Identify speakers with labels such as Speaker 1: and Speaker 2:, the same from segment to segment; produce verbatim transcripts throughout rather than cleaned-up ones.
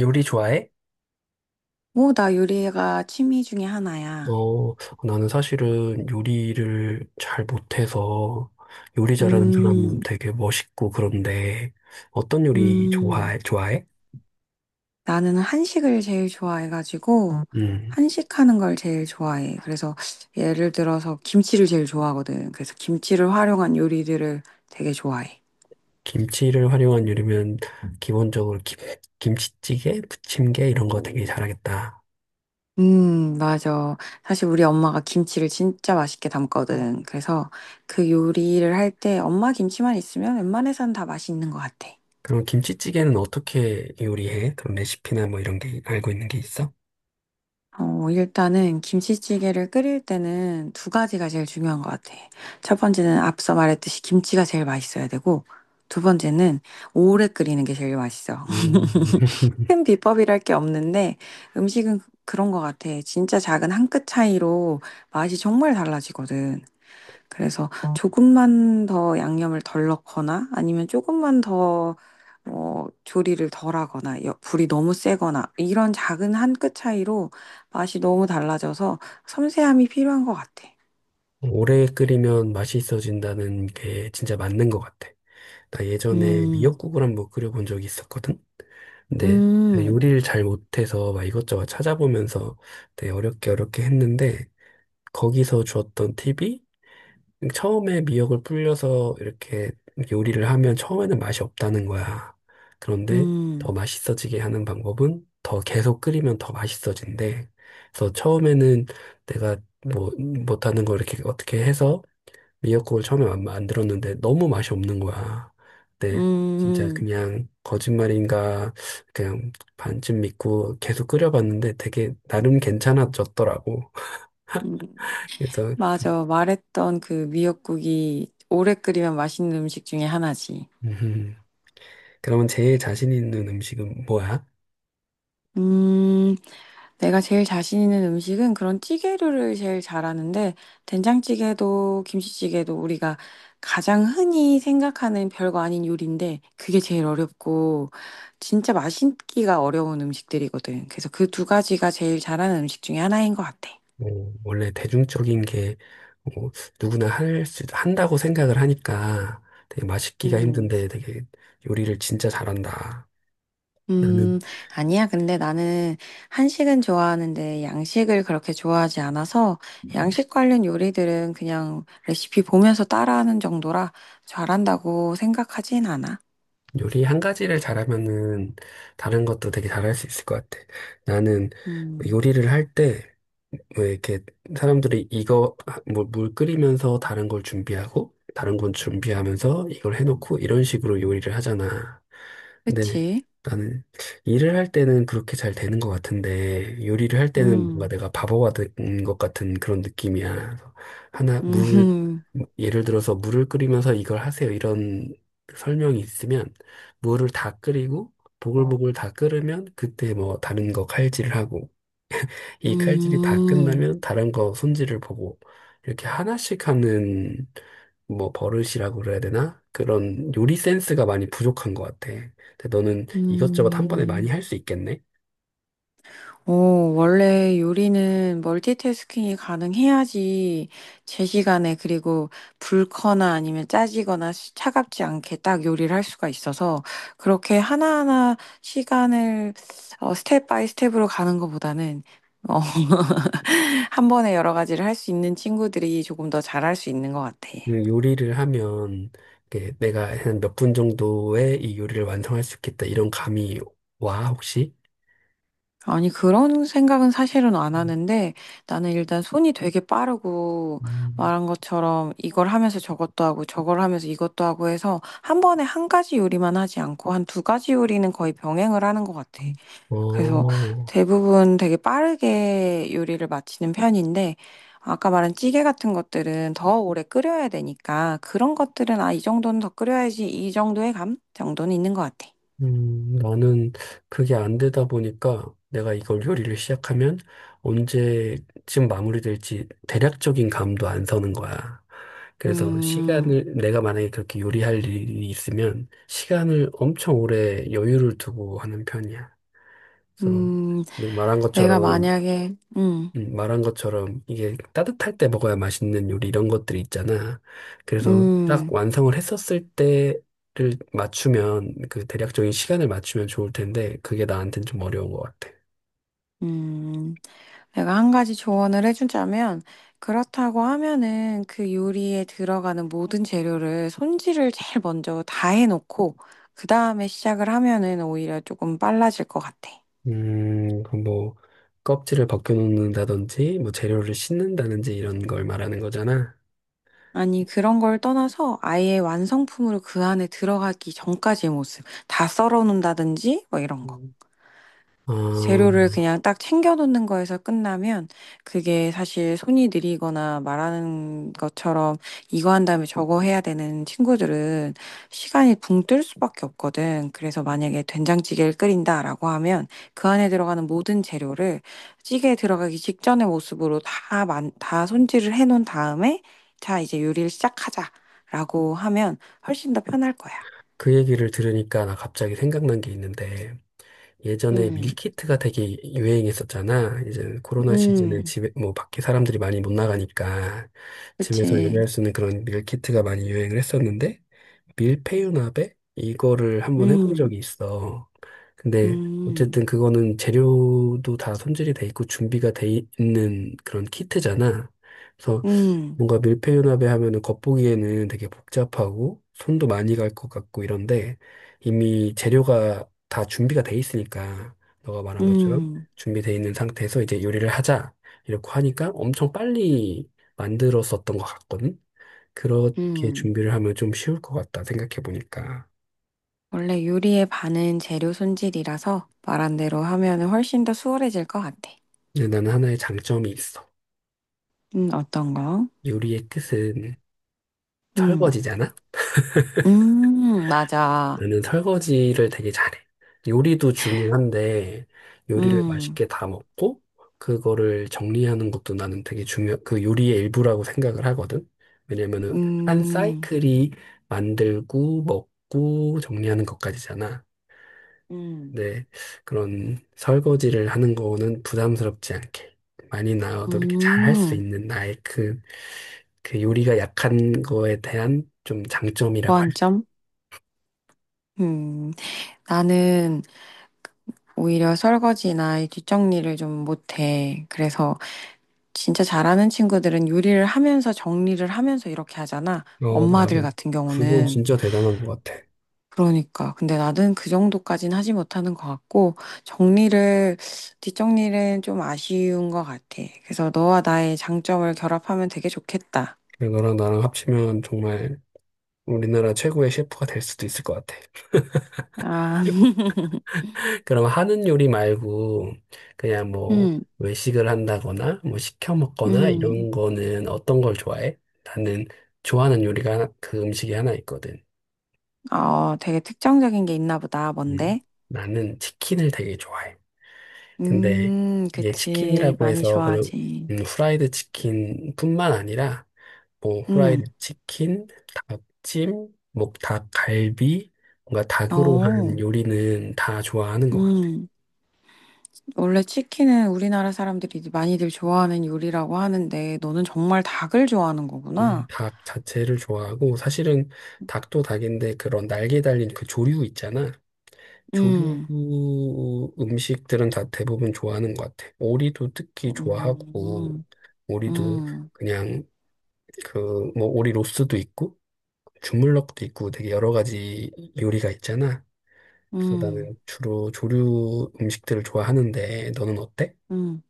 Speaker 1: 요리 좋아해?
Speaker 2: 오, 나 요리가 취미 중에 하나야.
Speaker 1: 어, 나는 사실은 요리를 잘 못해서 요리 잘하는 사람
Speaker 2: 음,
Speaker 1: 되게 멋있고 그런데 어떤 요리
Speaker 2: 음,
Speaker 1: 좋아해? 좋아해?
Speaker 2: 나는 한식을 제일 좋아해가지고,
Speaker 1: 음,
Speaker 2: 한식하는 걸 제일 좋아해. 그래서 예를 들어서 김치를 제일 좋아하거든. 그래서 김치를 활용한 요리들을 되게 좋아해.
Speaker 1: 김치를 활용한 요리면 기본적으로 김, 김치찌개, 부침개 이런 거 되게 잘하겠다.
Speaker 2: 음, 맞아. 사실 우리 엄마가 김치를 진짜 맛있게 담거든. 그래서 그 요리를 할 때 엄마 김치만 있으면 웬만해선 다 맛있는 것 같아.
Speaker 1: 그럼 김치찌개는 어떻게 요리해? 그런 레시피나 뭐 이런 게 알고 있는 게 있어?
Speaker 2: 어, 일단은 김치찌개를 끓일 때는 두 가지가 제일 중요한 것 같아. 첫 번째는 앞서 말했듯이 김치가 제일 맛있어야 되고, 두 번째는 오래 끓이는 게 제일 맛있어.
Speaker 1: 음.
Speaker 2: 큰 비법이랄 게 없는데 음식은 그런 것 같아. 진짜 작은 한 끗 차이로 맛이 정말 달라지거든. 그래서 조금만 더 양념을 덜 넣거나 아니면 조금만 더 어, 조리를 덜 하거나 여- 불이 너무 세거나 이런 작은 한 끗 차이로 맛이 너무 달라져서 섬세함이 필요한 것 같아.
Speaker 1: 오래 끓이면 맛이 있어진다는 게 진짜 맞는 것 같아. 나 예전에
Speaker 2: 음,
Speaker 1: 미역국을 한번 끓여본 적이 있었거든? 근데 내가
Speaker 2: 음,
Speaker 1: 요리를 잘 못해서 막 이것저것 찾아보면서 되게 어렵게 어렵게 했는데 거기서 주었던 팁이 처음에 미역을 불려서 이렇게 요리를 하면 처음에는 맛이 없다는 거야. 그런데 더
Speaker 2: 음,
Speaker 1: 맛있어지게 하는 방법은 더 계속 끓이면 더 맛있어진대. 그래서 처음에는 내가 뭐 못하는 걸 이렇게 어떻게 해서 미역국을 처음에 마- 만들었는데 너무 맛이 없는 거야. 근데 진짜
Speaker 2: 음,
Speaker 1: 그냥 거짓말인가 그냥 반쯤 믿고 계속 끓여봤는데 되게 나름 괜찮아졌더라고.
Speaker 2: 음.
Speaker 1: 그래서
Speaker 2: 맞아. 말했던 그 미역국이 오래 끓이면 맛있는 음식 중에 하나지.
Speaker 1: 음, 그러면 제일 자신 있는 음식은 뭐야?
Speaker 2: 음, 내가 제일 자신 있는 음식은 그런 찌개류를 제일 잘하는데, 된장찌개도 김치찌개도 우리가 가장 흔히 생각하는 별거 아닌 요리인데, 그게 제일 어렵고, 진짜 맛있기가 어려운 음식들이거든. 그래서 그 두 가지가 제일 잘하는 음식 중에 하나인 것 같아.
Speaker 1: 뭐, 원래 대중적인 게 뭐, 누구나 할 수, 한다고 생각을 하니까 되게 맛있기가
Speaker 2: 음.
Speaker 1: 힘든데 되게 요리를 진짜 잘한다.
Speaker 2: 음,
Speaker 1: 나는
Speaker 2: 아니야. 근데 나는 한식은 좋아하는데 양식을 그렇게 좋아하지 않아서 양식 관련 요리들은 그냥 레시피 보면서 따라하는 정도라 잘한다고 생각하진 않아.
Speaker 1: 요리 한 가지를 잘하면은 다른 것도 되게 잘할 수 있을 것 같아. 나는
Speaker 2: 음,
Speaker 1: 요리를 할 때 왜 이렇게 사람들이 이거 아, 뭐물 끓이면서 다른 걸 준비하고 다른 건 준비하면서 이걸 해놓고 이런 식으로 요리를 하잖아. 근데
Speaker 2: 그치?
Speaker 1: 나는 일을 할 때는 그렇게 잘 되는 것 같은데 요리를 할 때는 뭔가
Speaker 2: 음,
Speaker 1: 내가 바보가 된 것 같은 그런 느낌이야. 그래서 하나 물 예를 들어서 물을 끓이면서 이걸 하세요 이런 설명이 있으면 물을 다 끓이고 보글보글 다 끓으면 그때 뭐 다른 거 칼질을 하고
Speaker 2: 음,
Speaker 1: 이 칼질이 다
Speaker 2: 음,
Speaker 1: 끝나면 다른 거 손질을 보고 이렇게 하나씩 하는 뭐 버릇이라고 그래야 되나? 그런 요리 센스가 많이 부족한 것 같아. 근데 너는 이것저것 한 번에
Speaker 2: 음.
Speaker 1: 많이 할 수 있겠네?
Speaker 2: 오, 원래 요리는 멀티태스킹이 가능해야지 제 시간에 그리고 불거나 아니면 짜지거나 시- 차갑지 않게 딱 요리를 할 수가 있어서 그렇게 하나하나 시간을 어, 스텝 바이 스텝으로 가는 것보다는 어, 한 번에 여러 가지를 할 수 있는 친구들이 조금 더 잘할 수 있는 것 같아.
Speaker 1: 음, 요리를 하면 이게 내가 한 몇 분 정도에 이 요리를 완성할 수 있겠다 이런 감이 와 혹시?
Speaker 2: 아니, 그런 생각은 사실은 안
Speaker 1: 음,
Speaker 2: 하는데 나는 일단 손이 되게 빠르고
Speaker 1: 음.
Speaker 2: 말한 것처럼 이걸 하면서 저것도 하고 저걸 하면서 이것도 하고 해서 한 번에 한 가지 요리만 하지 않고 한 두 가지 요리는 거의 병행을 하는 것 같아. 그래서
Speaker 1: 어,
Speaker 2: 대부분 되게 빠르게 요리를 마치는 편인데 아까 말한 찌개 같은 것들은 더 오래 끓여야 되니까 그런 것들은 아, 이 정도는 더 끓여야지 이 정도의 감 정도는 있는 것 같아.
Speaker 1: 음, 나는 그게 안 되다 보니까 내가 이걸 요리를 시작하면 언제쯤 마무리될지 대략적인 감도 안 서는 거야. 그래서
Speaker 2: 음.
Speaker 1: 시간을, 내가 만약에 그렇게 요리할 일이 있으면 시간을 엄청 오래 여유를 두고 하는 편이야. 그래서
Speaker 2: 음,
Speaker 1: 네 말한
Speaker 2: 내가
Speaker 1: 것처럼
Speaker 2: 만약에, 음,
Speaker 1: 음, 말한 것처럼 이게 따뜻할 때 먹어야 맛있는 요리 이런 것들이 있잖아. 그래서 딱
Speaker 2: 음,
Speaker 1: 완성을 했었을 때를 맞추면 그 대략적인 시간을 맞추면 좋을 텐데 그게 나한테는 좀 어려운 것 같아.
Speaker 2: 음, 내가 한 가지 조언을 해주자면, 그렇다고 하면은 그 요리에 들어가는 모든 재료를 손질을 제일 먼저 다 해놓고, 그 다음에 시작을 하면은 오히려 조금 빨라질 것 같아.
Speaker 1: 음, 그뭐 껍질을 벗겨놓는다든지 뭐 재료를 씻는다든지 이런 걸 말하는 거잖아.
Speaker 2: 아니, 그런 걸 떠나서 아예 완성품으로 그 안에 들어가기 전까지의 모습, 다 썰어 놓는다든지, 뭐 이런 거.
Speaker 1: 음. 어,
Speaker 2: 재료를 그냥 딱 챙겨 놓는 거에서 끝나면 그게 사실 손이 느리거나 말하는 것처럼 이거 한 다음에 저거 해야 되는 친구들은 시간이 붕 뜰 수밖에 없거든. 그래서 만약에 된장찌개를 끓인다라고 하면 그 안에 들어가는 모든 재료를 찌개에 들어가기 직전의 모습으로 다, 만, 다 손질을 해 놓은 다음에 자, 이제 요리를 시작하자라고 하면 훨씬 더 편할 거야.
Speaker 1: 그 얘기를 들으니까 나 갑자기 생각난 게 있는데 예전에
Speaker 2: 음,
Speaker 1: 밀키트가 되게 유행했었잖아. 이제 코로나 시즌에
Speaker 2: 음,
Speaker 1: 집에, 뭐, 밖에 사람들이 많이 못 나가니까 집에서
Speaker 2: 그치.
Speaker 1: 요리할 수 있는 그런 밀키트가 많이 유행을 했었는데, 밀푀유나베? 이거를 한번 해본
Speaker 2: 음,
Speaker 1: 적이 있어. 근데
Speaker 2: 음.
Speaker 1: 어쨌든 그거는 재료도 다 손질이 돼 있고 준비가 돼 있는 그런 키트잖아. 그래서
Speaker 2: 음,
Speaker 1: 뭔가 밀폐융합에 하면은 겉보기에는 되게 복잡하고 손도 많이 갈 것 같고 이런데 이미 재료가 다 준비가 돼 있으니까 너가 말한 것처럼
Speaker 2: 음,
Speaker 1: 준비돼 있는 상태에서 이제 요리를 하자 이렇게 하니까 엄청 빨리 만들었었던 것 같거든. 그렇게
Speaker 2: 음.
Speaker 1: 준비를 하면 좀 쉬울 것 같다 생각해 보니까.
Speaker 2: 원래 요리의 반은 재료 손질이라서 말한 대로 하면 훨씬 더 수월해질 것 같아.
Speaker 1: 근데 나는 하나의 장점이 있어.
Speaker 2: 음, 어떤 거?
Speaker 1: 요리의 끝은
Speaker 2: 음,
Speaker 1: 설거지잖아.
Speaker 2: 음, 맞아.
Speaker 1: 나는 설거지를 되게 잘해. 요리도 중요한데, 요리를
Speaker 2: 음,
Speaker 1: 맛있게 다 먹고, 그거를 정리하는 것도 나는 되게 중요, 그 요리의 일부라고 생각을 하거든. 왜냐면은, 한
Speaker 2: 음,
Speaker 1: 사이클이 만들고, 먹고, 정리하는 것까지잖아.
Speaker 2: 음,
Speaker 1: 근데 그런 설거지를 하는 거는 부담스럽지 않게, 많이 나와도 이렇게 잘 할 수
Speaker 2: 음.
Speaker 1: 있는 나의 그, 그 요리가 약한 거에 대한 좀 장점이라고
Speaker 2: 보완점? 음, 나는 오히려 설거지나 이 뒷정리를 좀 못해. 그래서 진짜 잘하는 친구들은 요리를 하면서 정리를 하면서 이렇게 하잖아.
Speaker 1: 어, 맞아.
Speaker 2: 엄마들 같은
Speaker 1: 그건 어,
Speaker 2: 경우는.
Speaker 1: 진짜 대단한 것 같아.
Speaker 2: 그러니까. 근데 나는 그 정도까진 하지 못하는 것 같고, 정리를, 뒷정리는 좀 아쉬운 것 같아. 그래서 너와 나의 장점을 결합하면 되게 좋겠다.
Speaker 1: 그래, 너랑 나랑 합치면 정말 우리나라 최고의 셰프가 될 수도 있을 것 같아.
Speaker 2: 아,
Speaker 1: 그럼 하는 요리 말고 그냥 뭐
Speaker 2: 음,
Speaker 1: 외식을 한다거나 뭐 시켜 먹거나
Speaker 2: 음.
Speaker 1: 이런 거는 어떤 걸 좋아해? 나는 좋아하는 요리가 하나- 그 음식이 하나 있거든.
Speaker 2: 어, 되게 특정적인 게 있나 보다.
Speaker 1: 음,
Speaker 2: 뭔데?
Speaker 1: 나는 치킨을 되게 좋아해. 근데
Speaker 2: 음,
Speaker 1: 이게
Speaker 2: 그치.
Speaker 1: 치킨이라고
Speaker 2: 많이
Speaker 1: 해서 그런
Speaker 2: 좋아하지.
Speaker 1: 음, 후라이드 치킨뿐만 아니라 뭐 후라이드
Speaker 2: 음,
Speaker 1: 치킨, 닭찜, 뭐 닭갈비, 뭔가 닭으로 한
Speaker 2: 어,
Speaker 1: 요리는 다 좋아하는 것 같아.
Speaker 2: 음. 원래 치킨은 우리나라 사람들이 많이들 좋아하는 요리라고 하는데, 너는 정말 닭을 좋아하는
Speaker 1: 음,
Speaker 2: 거구나.
Speaker 1: 닭 자체를 좋아하고 사실은 닭도 닭인데 그런 날개 달린 그 조류 있잖아. 조류
Speaker 2: 음,
Speaker 1: 음식들은 다 대부분 좋아하는 것 같아. 오리도 특히 좋아하고
Speaker 2: 음.
Speaker 1: 오리도
Speaker 2: 음,
Speaker 1: 그냥 그 뭐 오리 로스도 있고 주물럭도 있고 되게 여러 가지 요리가 있잖아. 그래서
Speaker 2: 음,
Speaker 1: 나는 주로 조류 음식들을 좋아하는데 너는 어때?
Speaker 2: 음.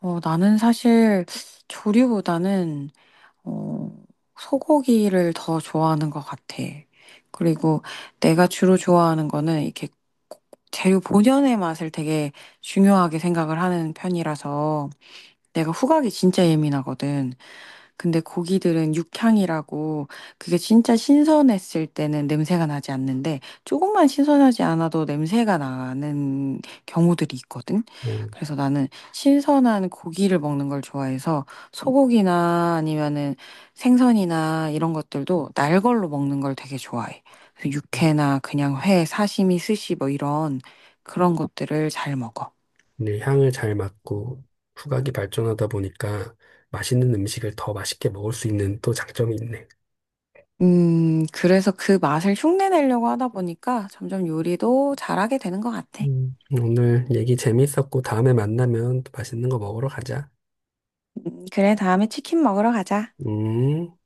Speaker 2: 어, 나는 사실 조류보다는 어, 소고기를 더 좋아하는 것 같아. 그리고 내가 주로 좋아하는 거는 이렇게 재료 본연의 맛을 되게 중요하게 생각을 하는 편이라서 내가 후각이 진짜 예민하거든. 근데 고기들은 육향이라고 그게 진짜 신선했을 때는 냄새가 나지 않는데 조금만 신선하지 않아도 냄새가 나는 경우들이 있거든.
Speaker 1: 어,
Speaker 2: 그래서 나는 신선한 고기를 먹는 걸 좋아해서 소고기나 아니면은 생선이나 이런 것들도 날 걸로 먹는 걸 되게 좋아해. 그래서
Speaker 1: 어,
Speaker 2: 육회나 그냥 회, 사시미, 스시 뭐 이런 그런 것들을 잘 먹어.
Speaker 1: 근데 향을 잘 맡고 후각이 발전하다 보니까 맛있는 음식을 더 맛있게 먹을 수 있는 또 장점이 있네.
Speaker 2: 음, 그래서 그 맛을 흉내 내려고 하다 보니까 점점 요리도 잘하게 되는 것 같아.
Speaker 1: 음. 오늘 얘기 재밌었고 다음에 만나면 또 맛있는 거 먹으러 가자.
Speaker 2: 음, 그래, 다음에 치킨 먹으러 가자.
Speaker 1: 음.